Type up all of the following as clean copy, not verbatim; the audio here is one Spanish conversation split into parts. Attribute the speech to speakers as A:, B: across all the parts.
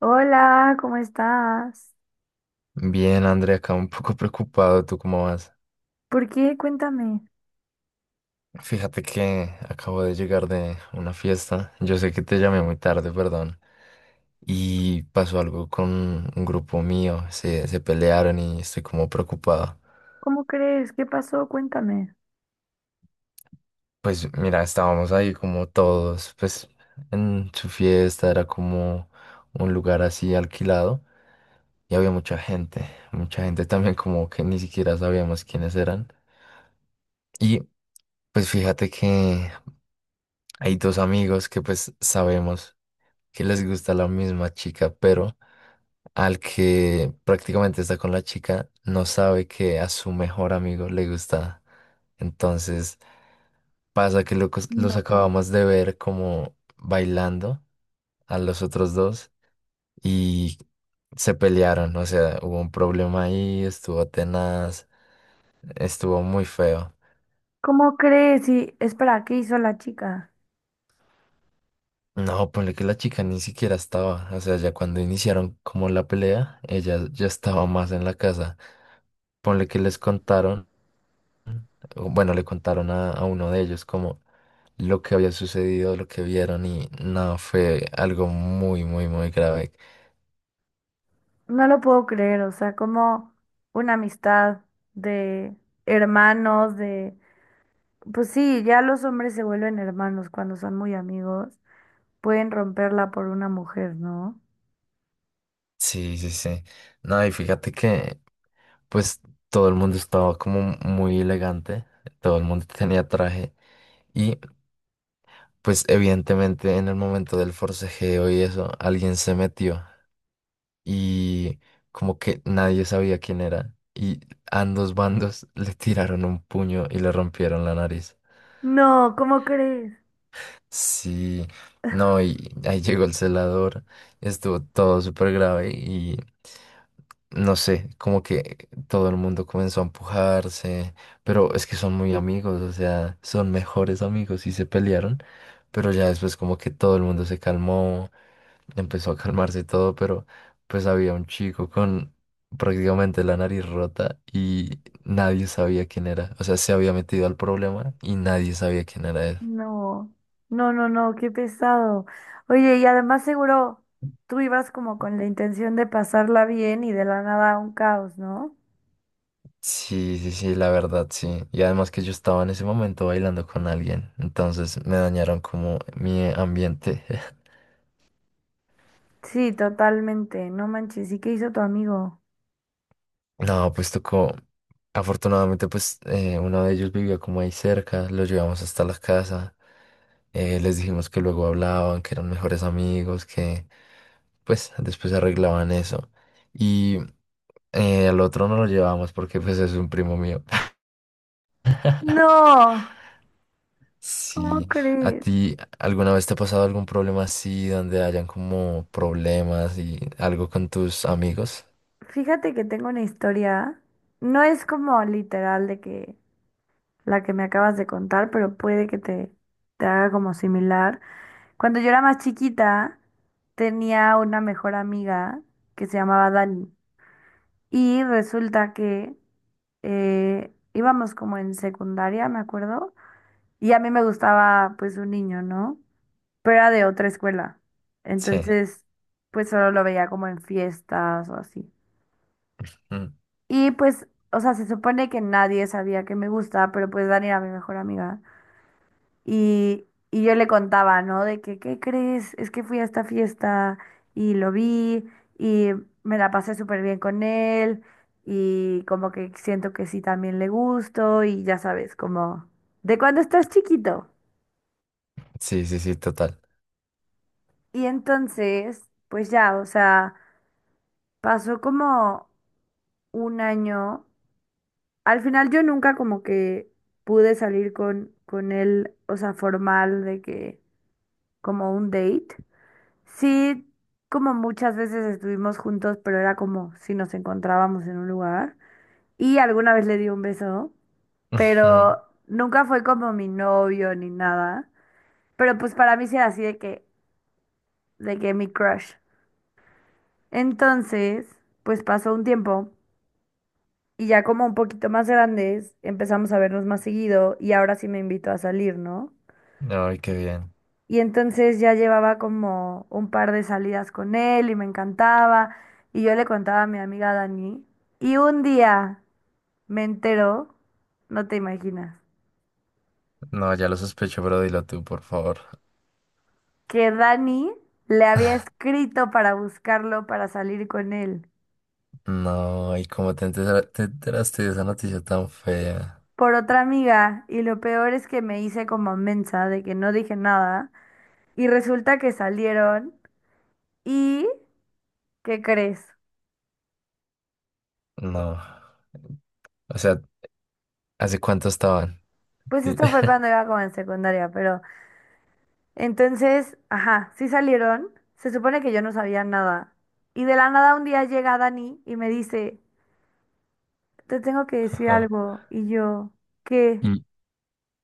A: Hola, ¿cómo estás?
B: Bien, Andrea, acá un poco preocupado. ¿Tú cómo vas?
A: ¿Por qué? Cuéntame.
B: Fíjate que acabo de llegar de una fiesta. Yo sé que te llamé muy tarde, perdón. Y pasó algo con un grupo mío. Se pelearon y estoy como preocupado.
A: ¿Cómo crees? ¿Qué pasó? Cuéntame.
B: Pues mira, estábamos ahí como todos, pues en su fiesta era como un lugar así alquilado y había mucha gente. Mucha gente también como que ni siquiera sabíamos quiénes eran. Y pues fíjate que hay dos amigos que pues sabemos que les gusta la misma chica, pero al que prácticamente está con la chica no sabe que a su mejor amigo le gusta. Entonces pasa que los
A: No.
B: acabamos de ver como bailando a los otros dos y se pelearon, o sea, hubo un problema ahí, estuvo tenaz, estuvo muy feo.
A: ¿Cómo crees? Y espera, ¿qué hizo la chica?
B: No, ponle que la chica ni siquiera estaba, o sea, ya cuando iniciaron como la pelea, ella ya estaba más en la casa. Ponle que les contaron, o bueno, le contaron a uno de ellos como lo que había sucedido, lo que vieron y no, fue algo muy, muy, muy grave.
A: No lo puedo creer, o sea, como una amistad de hermanos, de... Pues sí, ya los hombres se vuelven hermanos cuando son muy amigos. Pueden romperla por una mujer, ¿no?
B: Sí, sí, sí. No, y fíjate que pues todo el mundo estaba como muy elegante, todo el mundo tenía traje y pues evidentemente en el momento del forcejeo y eso, alguien se metió y como que nadie sabía quién era y ambos bandos le tiraron un puño y le rompieron la nariz.
A: No, ¿cómo crees?
B: Sí, no, y ahí llegó el celador, estuvo todo súper grave y no sé, como que todo el mundo comenzó a empujarse, pero es que son muy amigos, o sea, son mejores amigos y se pelearon, pero ya después como que todo el mundo se calmó, empezó a calmarse todo, pero pues había un chico con prácticamente la nariz rota y nadie sabía quién era, o sea, se había metido al problema y nadie sabía quién era él.
A: No, no, no, no, qué pesado. Oye, y además seguro tú ibas como con la intención de pasarla bien y de la nada un caos, ¿no?
B: Sí, sí, sí, la verdad, sí. Y además que yo estaba en ese momento bailando con alguien, entonces me dañaron como mi ambiente.
A: Sí, totalmente. No manches, ¿y qué hizo tu amigo?
B: No, pues tocó. Afortunadamente, pues uno de ellos vivía como ahí cerca, lo llevamos hasta la casa. Les dijimos que luego hablaban, que eran mejores amigos, que pues después arreglaban eso. Y al otro no lo llevamos porque pues es un primo mío.
A: No, ¿cómo
B: Sí, ¿a
A: crees?
B: ti alguna vez te ha pasado algún problema así, donde hayan como problemas y algo con tus amigos?
A: Fíjate que tengo una historia. No es como literal de que la que me acabas de contar, pero puede que te haga como similar. Cuando yo era más chiquita, tenía una mejor amiga que se llamaba Dani. Y resulta que íbamos como en secundaria, me acuerdo, y a mí me gustaba pues un niño, ¿no? Pero era de otra escuela.
B: Sí.
A: Entonces, pues solo lo veía como en fiestas o así.
B: Mm.
A: Y pues, o sea, se supone que nadie sabía que me gusta, pero pues Dani era mi mejor amiga. Y yo le contaba, ¿no? De que, ¿qué crees? Es que fui a esta fiesta y lo vi y me la pasé súper bien con él y como que siento que sí también le gusto y ya sabes, como de cuando estás chiquito.
B: Sí, sí, sí, total.
A: Y entonces, pues ya, o sea, pasó como un año. Al final yo nunca como que pude salir con él, o sea, formal de que como un date. Sí, como muchas veces estuvimos juntos, pero era como si nos encontrábamos en un lugar. Y alguna vez le di un beso,
B: Ujú.
A: pero nunca fue como mi novio ni nada. Pero pues para mí sí era así de que mi crush. Entonces, pues pasó un tiempo y ya como un poquito más grandes empezamos a vernos más seguido y ahora sí me invitó a salir, ¿no?
B: Ay, qué bien.
A: Y entonces ya llevaba como un par de salidas con él y me encantaba. Y yo le contaba a mi amiga Dani. Y un día me enteró, no te imaginas,
B: No, ya lo sospecho, pero dilo tú, por favor.
A: que Dani le había escrito para buscarlo para salir con él
B: No, ¿y cómo te enteraste de esa noticia tan fea?
A: por otra amiga. Y lo peor es que me hice como mensa de que no dije nada. Y resulta que salieron. ¿Y qué crees?
B: No. O sea, ¿hace cuánto estaban?
A: Pues
B: Sí.
A: esto fue cuando iba como en secundaria, pero... Entonces, ajá, sí salieron. Se supone que yo no sabía nada. Y de la nada un día llega Dani y me dice, te tengo que decir
B: Ajá.
A: algo. Y yo, ¿qué?
B: Y...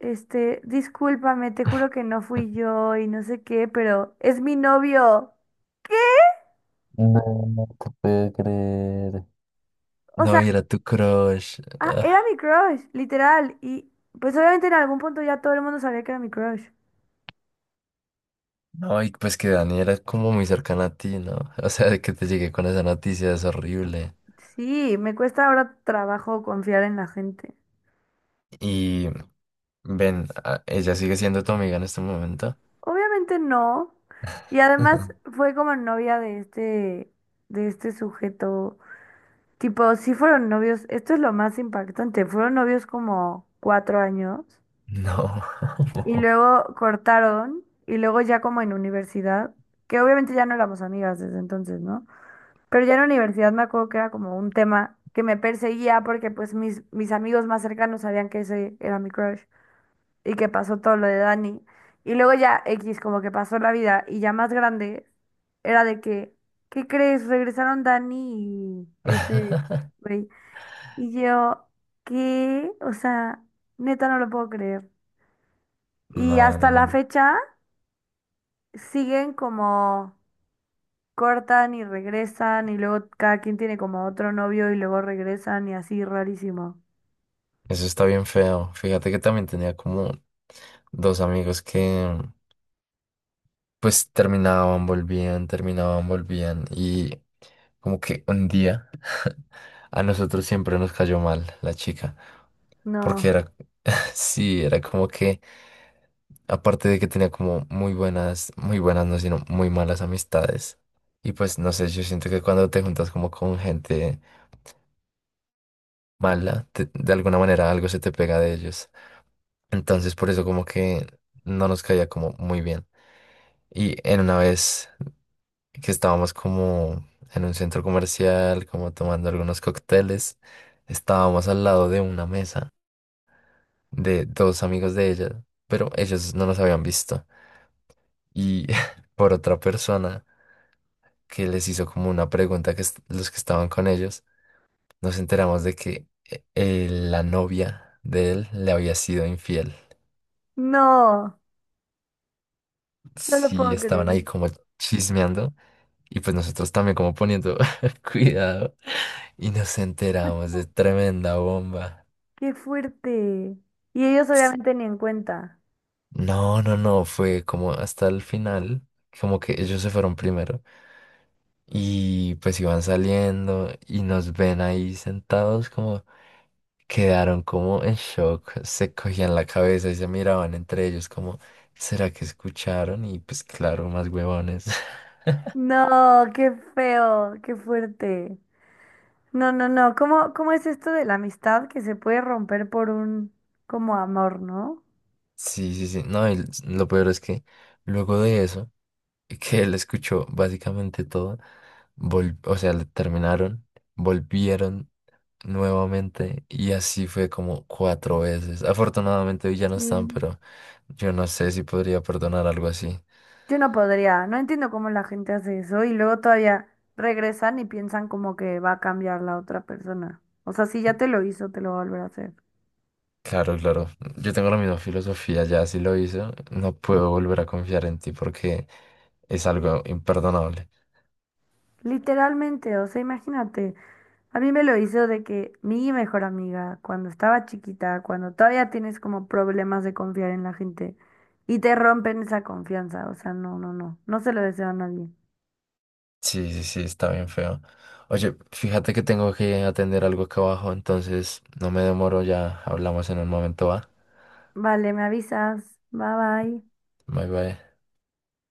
A: Este, discúlpame, te juro que no fui yo y no sé qué, pero es mi novio.
B: No, no te puedo creer.
A: O
B: No,
A: sea,
B: y era tu crush.
A: ah, era mi crush, literal. Y pues obviamente en algún punto ya todo el mundo sabía que era mi crush.
B: No, y pues que Dani era como muy cercana a ti, ¿no? O sea, de que te llegué con esa noticia es horrible.
A: Sí, me cuesta ahora trabajo confiar en la gente.
B: Y ven, ¿ella sigue siendo tu amiga en este momento?
A: Obviamente no. Y además fue como novia de este sujeto. Tipo, sí fueron novios, esto es lo más impactante, fueron novios como 4 años
B: No.
A: y luego cortaron y luego ya como en universidad, que obviamente ya no éramos amigas desde entonces, ¿no? Pero ya en universidad me acuerdo que era como un tema que me perseguía porque pues mis amigos más cercanos sabían que ese era mi crush y que pasó todo lo de Dani. Y luego ya X, como que pasó la vida y ya más grande, era de que, ¿qué crees? Regresaron Dani y este güey. Y yo, ¿qué? O sea, neta no lo puedo creer. Y
B: No, no,
A: hasta
B: no,
A: la
B: no.
A: fecha siguen como cortan y regresan y luego cada quien tiene como otro novio y luego regresan y así rarísimo.
B: Eso está bien feo. Fíjate que también tenía como dos amigos que pues terminaban, volvían, terminaban, volvían. Y como que un día a nosotros siempre nos cayó mal la chica. Porque
A: No,
B: era, sí, era como que... Aparte de que tenía como muy buenas, no, sino muy malas amistades. Y pues no sé, yo siento que cuando te juntas como con gente mala, de alguna manera algo se te pega de ellos. Entonces por eso como que no nos caía como muy bien. Y en una vez que estábamos como en un centro comercial, como tomando algunos cócteles, estábamos al lado de una mesa de dos amigos de ella, pero ellos no nos habían visto. Y por otra persona que les hizo como una pregunta que los que estaban con ellos, nos enteramos de que la novia de él le había sido infiel.
A: no, no, lo
B: Sí,
A: puedo
B: estaban
A: creer.
B: ahí como chismeando y pues nosotros también como poniendo cuidado y nos enteramos de tremenda bomba.
A: Qué fuerte. Y ellos
B: S-
A: obviamente ni en cuenta.
B: No, no, no, fue como hasta el final, como que ellos se fueron primero y pues iban saliendo y nos ven ahí sentados como... Quedaron como en shock, se cogían la cabeza y se miraban entre ellos como, ¿será que escucharon? Y pues claro, más huevones.
A: No, qué feo, qué fuerte. No, no, no. ¿Cómo es esto de la amistad que se puede romper por un como amor, ¿no?
B: Sí, sí, sí. No, y lo peor es que luego de eso, que él escuchó básicamente todo, o sea, le terminaron, volvieron nuevamente y así fue como cuatro veces. Afortunadamente hoy ya no están,
A: Sí.
B: pero yo no sé si podría perdonar algo así.
A: Yo no podría. No entiendo cómo la gente hace eso y luego todavía regresan y piensan como que va a cambiar la otra persona. O sea, si ya te lo hizo, te lo va a volver a hacer.
B: Claro, claro. Yo tengo la misma filosofía, ya si lo hice no puedo volver a confiar en ti porque es algo imperdonable.
A: Literalmente, o sea, imagínate, a mí me lo hizo de que mi mejor amiga, cuando estaba chiquita, cuando todavía tienes como problemas de confiar en la gente y te rompen esa confianza, o sea, no, no, no, no se lo deseo a nadie.
B: Sí, sí, sí, está bien feo. Oye, fíjate que tengo que atender algo acá abajo, entonces no me demoro, ya hablamos en un momento, ¿va?
A: Vale, me avisas, bye bye.
B: Bye bye.